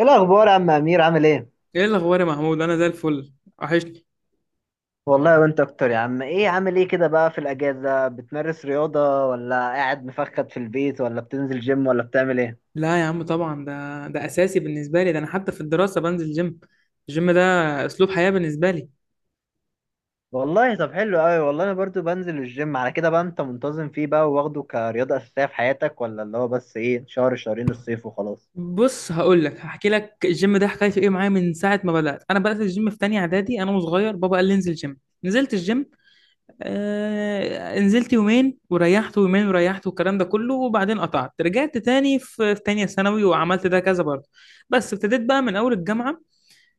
ايه الاخبار يا عم امير؟ عامل ايه؟ ايه الاخبار يا محمود، انا زي الفل. وحشني. والله وانت اكتر يا عم. ايه، عامل ايه كده بقى في الاجازه، بتمارس رياضه ولا قاعد مفخد في البيت ولا بتنزل جيم ولا بتعمل ايه؟ لا يا عم، طبعا ده اساسي بالنسبه لي. ده انا حتى في الدراسه بنزل جيم. الجيم ده اسلوب حياه بالنسبه لي. والله طب حلو قوي. والله انا برضو بنزل الجيم. على كده بقى، انت منتظم فيه بقى واخده كرياضه اساسيه في حياتك، ولا اللي هو بس ايه شهر شهرين الصيف وخلاص؟ بص هقول لك، هحكي لك الجيم ده حكايته ايه معايا. من ساعه ما بدات، انا بدات الجيم في تانية اعدادي، انا وصغير. بابا قال لي انزل جيم. نزلت الجيم. آه نزلت يومين وريحت، ويومين وريحت، والكلام ده كله. وبعدين قطعت، رجعت تاني في تانية ثانوي، وعملت ده كذا برضه. بس ابتديت بقى من اول الجامعه.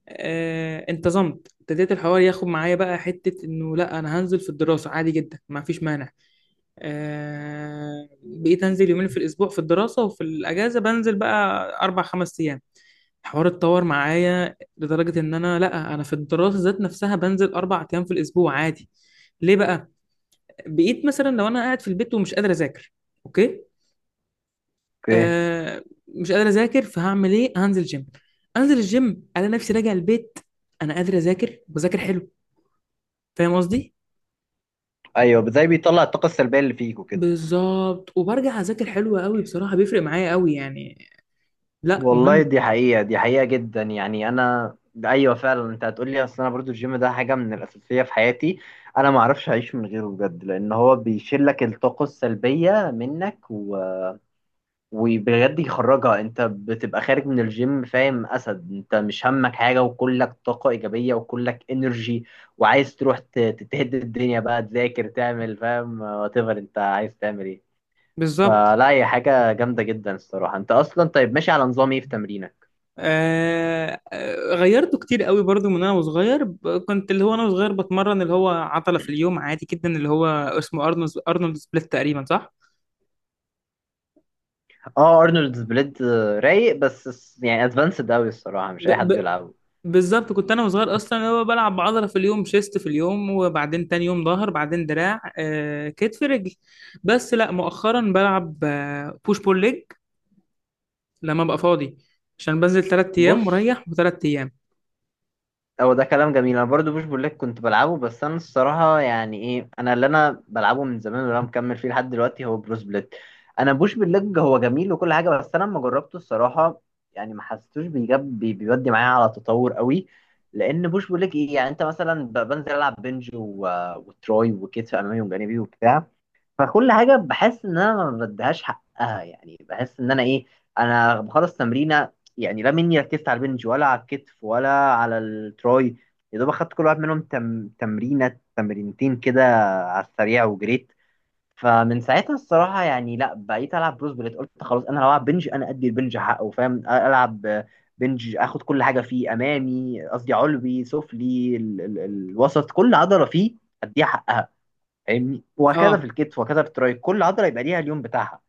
انتظمت. ابتديت الحوار ياخد معايا بقى حتة انه لا، انا هنزل في الدراسة عادي جدا، ما فيش مانع. بقيت انزل يومين في الاسبوع في الدراسة، وفي الاجازة بنزل بقى اربع خمس ايام. الحوار اتطور معايا لدرجة ان انا، لا انا في الدراسة ذات نفسها بنزل 4 ايام في الاسبوع عادي. ليه بقى؟ بقيت مثلا لو انا قاعد في البيت ومش قادر اذاكر. اوكي. اوكي. آه مش قادر اذاكر، فهعمل ايه؟ هنزل جيم. انزل الجيم، انا نفسي راجع البيت، انا قادر اذاكر، بذاكر حلو. فاهم قصدي. ايوه، زي بيطلع الطاقه السلبيه اللي فيك وكده. بالظبط. وبرجع اذاكر حلو قوي، بصراحه بيفرق معايا قوي يعني. لا والله مهم. دي حقيقة، دي حقيقة جدا يعني. أنا أيوة فعلا أنت هتقولي. أصل أنا برضو الجيم ده حاجة من الأساسية في حياتي. أنا ما أعرفش أعيش من غيره بجد، لأن هو بيشيل لك الطاقة السلبية منك وبجد يخرجها. أنت بتبقى خارج من الجيم فاهم، أسد، أنت مش همك حاجة وكلك طاقة إيجابية وكلك إنرجي. وعايز تروح تتهد الدنيا بقى، تذاكر، تعمل، فاهم، وات ايفر أنت عايز تعمل إيه. بالظبط. فلا، هي حاجة جامدة جدا الصراحة. أنت أصلا طيب، ماشي على نظام إيه في تمرينك؟ غيرته كتير قوي برضو. من انا وصغير، كنت اللي هو انا وصغير بتمرن اللي هو عضله في اليوم عادي جدا، اللي هو اسمه ارنولد سبليت تقريبا، صح. اه، ارنولد بليد. رايق، بس يعني ادفانسد قوي الصراحه، مش ب... اي حد ب... يلعبه. بالظبط. كنت انا وصغير اصلا اللي هو بلعب عضله في اليوم، شيست في اليوم، وبعدين تاني يوم ظهر، بعدين دراع، آه كتف، رجل. بس لا، مؤخرا بلعب آه بوش بول ليج لما ابقى فاضي، عشان بنزل 3 ايام بص، مريح وتلات ايام. هو ده كلام جميل. انا برضو بوش بقول لك كنت بلعبه، بس انا الصراحه يعني ايه، انا اللي انا بلعبه من زمان واللي انا مكمل فيه لحد دلوقتي هو بروس بليد. انا بوش بالليج هو جميل وكل حاجه، بس انا لما جربته الصراحه، يعني ما حسيتوش بيجاب بيودي معايا على تطور قوي. لان بوش بقول لك ايه، يعني انت مثلا بنزل العب بنج وتروي وكتف امامي وجانبي وبتاع. فكل حاجه بحس ان انا ما بديهاش حقها، يعني بحس ان انا ايه، انا بخلص تمرينه. يعني لا مني ركزت على البنج ولا على الكتف ولا على التراي. يا دوب اخدت كل واحد منهم تمرينه تمرينتين كده، على السريع وجريت. فمن ساعتها الصراحه يعني، لا بقيت العب بروس بليت. قلت خلاص، انا لو العب بنج انا ادي البنج حقه، فاهم. العب بنج، اخد كل حاجه فيه امامي قصدي علوي سفلي الوسط، كل عضله فيه اديها حقها. فاهمني؟ وهكذا في اه الكتف، وهكذا في التراي، كل عضله يبقى ليها اليوم بتاعها.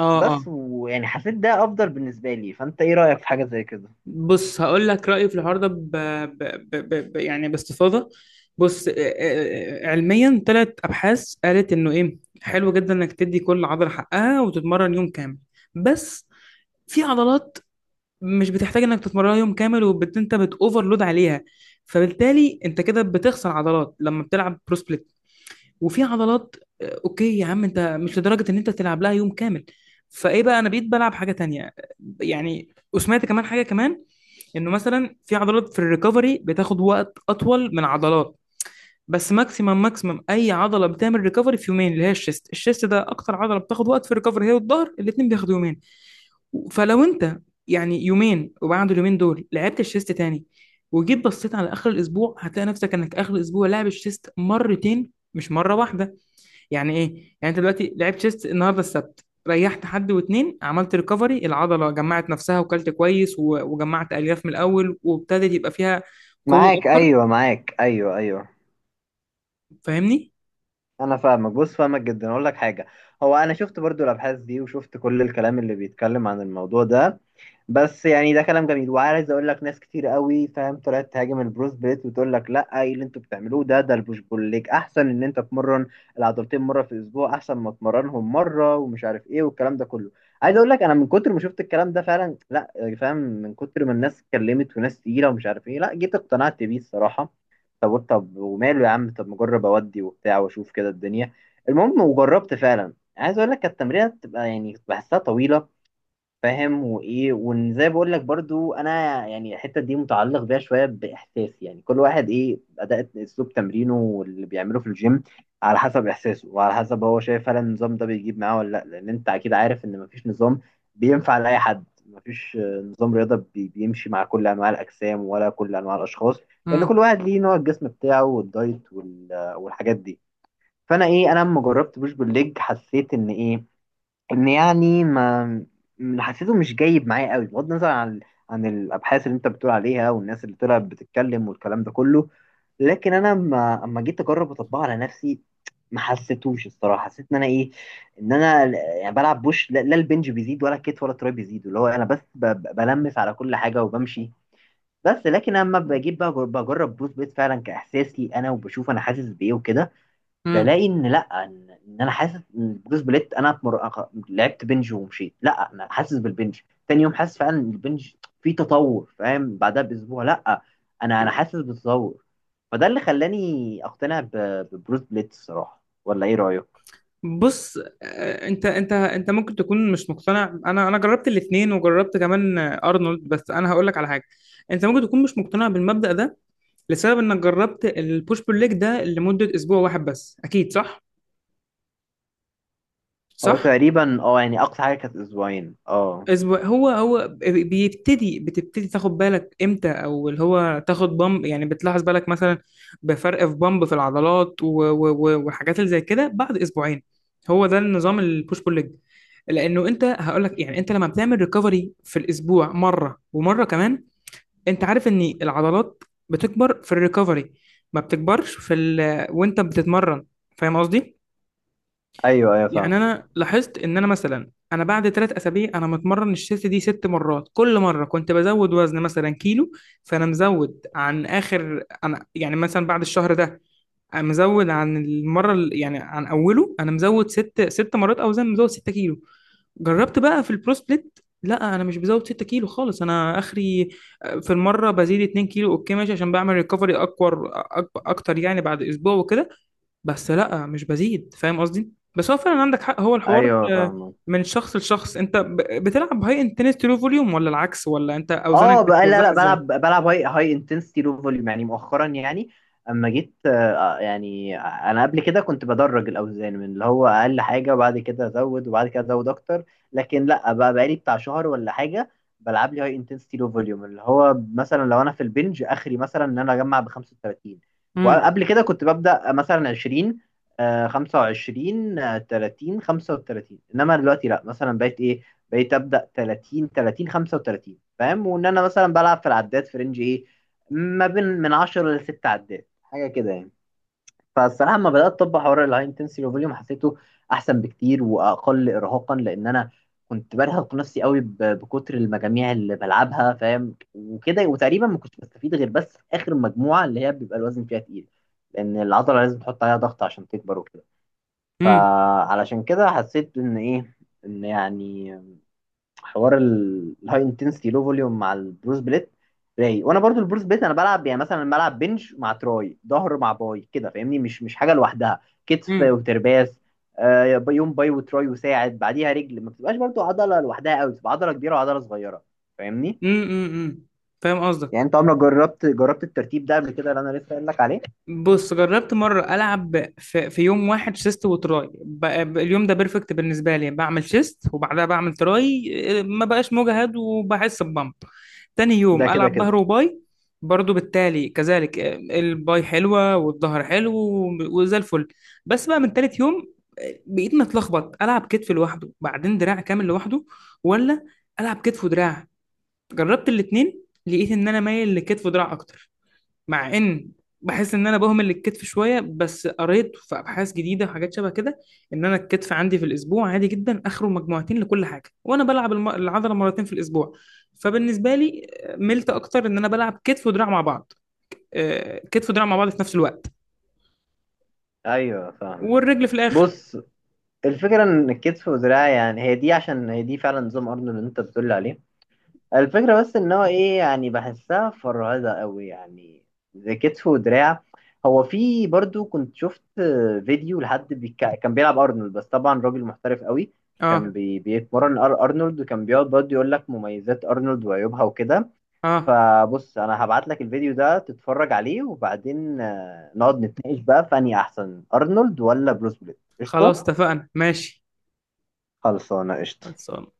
اه اه. بس ويعني حسيت ده افضل بالنسبه لي. فانت ايه رايك في حاجه زي كده؟ بص هقول لك رايي في الحوار ده يعني باستفاضه. بص، علميا تلات ابحاث قالت انه ايه، حلو جدا انك تدي كل عضله حقها وتتمرن يوم كامل. بس في عضلات مش بتحتاج انك تتمرنها يوم كامل وانت بتوفرلود عليها، فبالتالي انت كده بتخسر عضلات لما بتلعب برو. وفي عضلات اوكي يا عم، انت مش لدرجه ان انت تلعب لها يوم كامل. فايه بقى، انا بقيت بلعب حاجه تانية. يعني وسمعت كمان حاجه كمان، انه مثلا في عضلات في الريكفري بتاخد وقت اطول من عضلات. بس ماكسيمم اي عضله بتعمل ريكفري في يومين، اللي هي الشيست ده اكتر عضله بتاخد وقت في الريكفري، هي والظهر، الاثنين بياخدوا يومين. فلو انت، يعني يومين وبعد اليومين دول لعبت الشيست تاني، وجيت بصيت على اخر الاسبوع، هتلاقي نفسك انك اخر الاسبوع لاعب الشيست مرتين مش مره واحده. يعني ايه؟ يعني انت دلوقتي لعبت تشيست النهارده السبت، ريحت حد واتنين، عملت ريكفري، العضله جمعت نفسها وكلت كويس، وجمعت الياف من الاول وابتدت يبقى فيها قوه معاك، اكتر. ايوه، معاك، ايوه، ايوه. فاهمني. انا فاهمك، بص، فاهمك جدا. اقول لك حاجه، هو انا شفت برضو الابحاث دي وشفت كل الكلام اللي بيتكلم عن الموضوع ده. بس يعني ده كلام جميل، وعايز اقول لك ناس كتير قوي، فاهم، طلعت تهاجم البروس بليت وتقول لك لا، ايه اللي انتوا بتعملوه ده البوش بول ليج احسن، ان انت تمرن العضلتين مره في الاسبوع احسن ما تمرنهم مره ومش عارف ايه والكلام ده كله. عايز اقول لك، انا من كتر ما شفت الكلام ده فعلا، لا، فاهم، من كتر ما الناس اتكلمت وناس تقيله ومش عارف ايه، لا، جيت اقتنعت بيه الصراحه. طب قلت، طب وماله يا عم، طب ما اجرب اودي وبتاع واشوف كده الدنيا. المهم، وجربت فعلا. عايز اقول لك التمرينه بتبقى يعني بحسها طويله، فاهم؟ وايه، وان زي بقول لك برضو، انا يعني الحته دي متعلق بيها شويه باحساسي. يعني كل واحد ايه، اداء اسلوب تمرينه واللي بيعمله في الجيم على حسب احساسه وعلى حسب هو شايف فعلا النظام ده بيجيب معاه ولا لا. لان انت اكيد عارف ان مفيش نظام بينفع لاي حد، مفيش نظام رياضه بيمشي مع كل انواع الاجسام ولا كل انواع الاشخاص. لان كل امم واحد ليه نوع الجسم بتاعه والدايت والحاجات دي. فانا ايه، انا لما جربت بوش بالليج حسيت ان ايه، ان يعني ما، حسيته مش جايب معايا قوي، بغض النظر عن الابحاث اللي انت بتقول عليها والناس اللي طلعت بتتكلم والكلام ده كله. لكن انا، ما اما جيت اجرب اطبقه على نفسي ما حسيتوش الصراحه، حسيت ان انا ايه، ان انا يعني بلعب بوش، لا لا، البنج بيزيد ولا الكتف ولا التراي بيزيد، اللي هو انا بس بلمس على كل حاجه وبمشي. بس لكن اما بجيب بقى بجرب بوش بيت فعلا كاحساسي انا وبشوف انا حاسس بايه وكده، امم بلاقي ان لا، إن انا حاسس ان بروس بليت، انا لعبت بنج ومشيت، لا، انا حاسس بالبنج، تاني يوم حاسس فعلا ان البنج فيه تطور، فاهم؟ بعدها باسبوع، لا، انا حاسس بالتطور. فده اللي خلاني اقتنع ببروس بليت الصراحه، ولا ايه رايك؟ بص، انت ممكن تكون مش مقتنع. انا جربت الاثنين، وجربت كمان ارنولد، بس انا هقول لك على حاجه. انت ممكن تكون مش مقتنع بالمبدأ ده لسبب انك جربت البوش بول ليج ده لمده اسبوع واحد بس، اكيد صح. هو صح. تقريبا اه، يعني اقصى حاجه كانت اسبوعين، اه. اسبوع، هو بيبتدي بتبتدي تاخد بالك امتى، او اللي هو تاخد بامب، يعني بتلاحظ بالك مثلا بفرق في بامب في العضلات والحاجات اللي زي كده بعد اسبوعين. هو ده النظام البوش بول ليج. لانه انت هقول لك يعني، انت لما بتعمل ريكفري في الاسبوع مره ومره كمان، انت عارف ان العضلات بتكبر في الريكفري، ما بتكبرش وانت بتتمرن. فاهم قصدي؟ ايوه، ايوه، يعني فاهم. انا لاحظت ان انا مثلا انا بعد 3 اسابيع انا متمرن الشيست دي ست مرات، كل مره كنت بزود وزن مثلا كيلو. فانا مزود عن اخر، انا يعني مثلا بعد الشهر ده أنا مزود عن المره يعني عن اوله انا مزود ست مرات اوزان، مزود 6 كيلو. جربت بقى في البرو سبليت، لا انا مش بزود 6 كيلو خالص، انا اخري في المره بزيد 2 كيلو اوكي ماشي، عشان بعمل ريكفري اكبر اكتر يعني، بعد اسبوع وكده، بس لا مش بزيد. فاهم قصدي. بس هو فعلا عندك حق، هو الحوار ايوه فاهم. من شخص لشخص. انت بتلعب هاي انتنستي لو فوليوم ولا العكس، ولا انت اوزانك اه بقى، لا لا، بتوزعها ازاي؟ بلعب هاي انتنسيتي لو فوليوم. يعني مؤخرا يعني، اما جيت يعني انا قبل كده كنت بدرج الاوزان من اللي هو اقل حاجه وبعد كده ازود وبعد كده ازود اكتر، لكن لا بقى بقالي بتاع شهر ولا حاجه بلعب لي هاي انتنسيتي لو فوليوم، اللي هو مثلا لو انا في البنج اخري، مثلا ان انا اجمع ب 35، امم وقبل كده كنت ببدا مثلا 20، 25، 30، 35. انما دلوقتي لا، مثلا بقيت ايه، بقيت ابدا 30، 30، 35، فاهم؟ وان انا مثلا بلعب في العداد في رينج ايه، ما بين من 10 ل 6 عداد، حاجه كده يعني. فالصراحه لما بدات اطبق حوار الهاي انتنسيتي فوليوم حسيته احسن بكتير واقل ارهاقا، لان انا كنت برهق نفسي قوي بكتر المجاميع اللي بلعبها، فاهم، وكده. وتقريبا ما كنتش بستفيد غير بس في اخر مجموعه، اللي هي بيبقى الوزن فيها تقيل، لان العضله لازم تحط عليها ضغط عشان تكبر وكده. امم فعلشان كده حسيت ان ايه، ان يعني حوار الهاي انتنسيتي لو فوليوم مع البروس بليت رايق. وانا برضو البروس بليت انا بلعب، يعني مثلا بلعب بنش مع تراي، ظهر مع باي، كده، فاهمني، مش حاجه لوحدها. كتف امم وترباس، يوم باي وتراي وساعد، بعديها رجل، ما بتبقاش برضو عضله لوحدها قوي، بتبقى عضله كبيره وعضله صغيره، فاهمني. امم فاهم يعني قصدك. انت عمرك جربت الترتيب ده قبل كده اللي انا لسه قايل لك عليه؟ بص جربت مرة ألعب في يوم واحد تشيست وتراي. اليوم ده بيرفكت بالنسبة لي، بعمل تشيست وبعدها بعمل تراي، ما بقاش مجهد وبحس ببمب. تاني يوم ده كده ألعب كده. ظهر وباي، برضو بالتالي كذلك الباي حلوة والظهر حلو، وزي الفل. بس بقى من تالت يوم، بقيت متلخبط. ألعب كتف لوحده بعدين دراع كامل لوحده، ولا ألعب كتف ودراع؟ جربت الاتنين، لقيت إن أنا مايل لكتف ودراع أكتر. مع ان بحس ان انا بهمل الكتف شويه، بس قريت في ابحاث جديده وحاجات شبه كده، ان انا الكتف عندي في الاسبوع عادي جدا اخره مجموعتين لكل حاجه، وانا بلعب العضله مرتين في الاسبوع. فبالنسبه لي ملت اكتر ان انا بلعب كتف ودراع مع بعض. كتف ودراع مع بعض في نفس الوقت، ايوه فاهم. والرجل في الاخر. بص، الفكره ان الكتف والدراع، يعني هي دي، عشان هي دي فعلا نظام ارنولد اللي انت بتقول لي عليه. الفكرة بس ان هو ايه، يعني بحسها فرهدة قوي يعني، زي كتف ودراع. هو في برضو كنت شفت فيديو لحد كان بيلعب ارنولد، بس طبعا راجل محترف قوي، كان اه بيتمرن ارنولد، وكان بيقعد برضو يقول لك مميزات ارنولد وعيوبها وكده. اه. فبص، انا هبعت لك الفيديو ده تتفرج عليه، وبعدين نقعد نتناقش بقى، فاني احسن ارنولد ولا بروس بليت، قشطة؟ خلاص اتفقنا، ماشي. خلصانة قشطة. خلصان.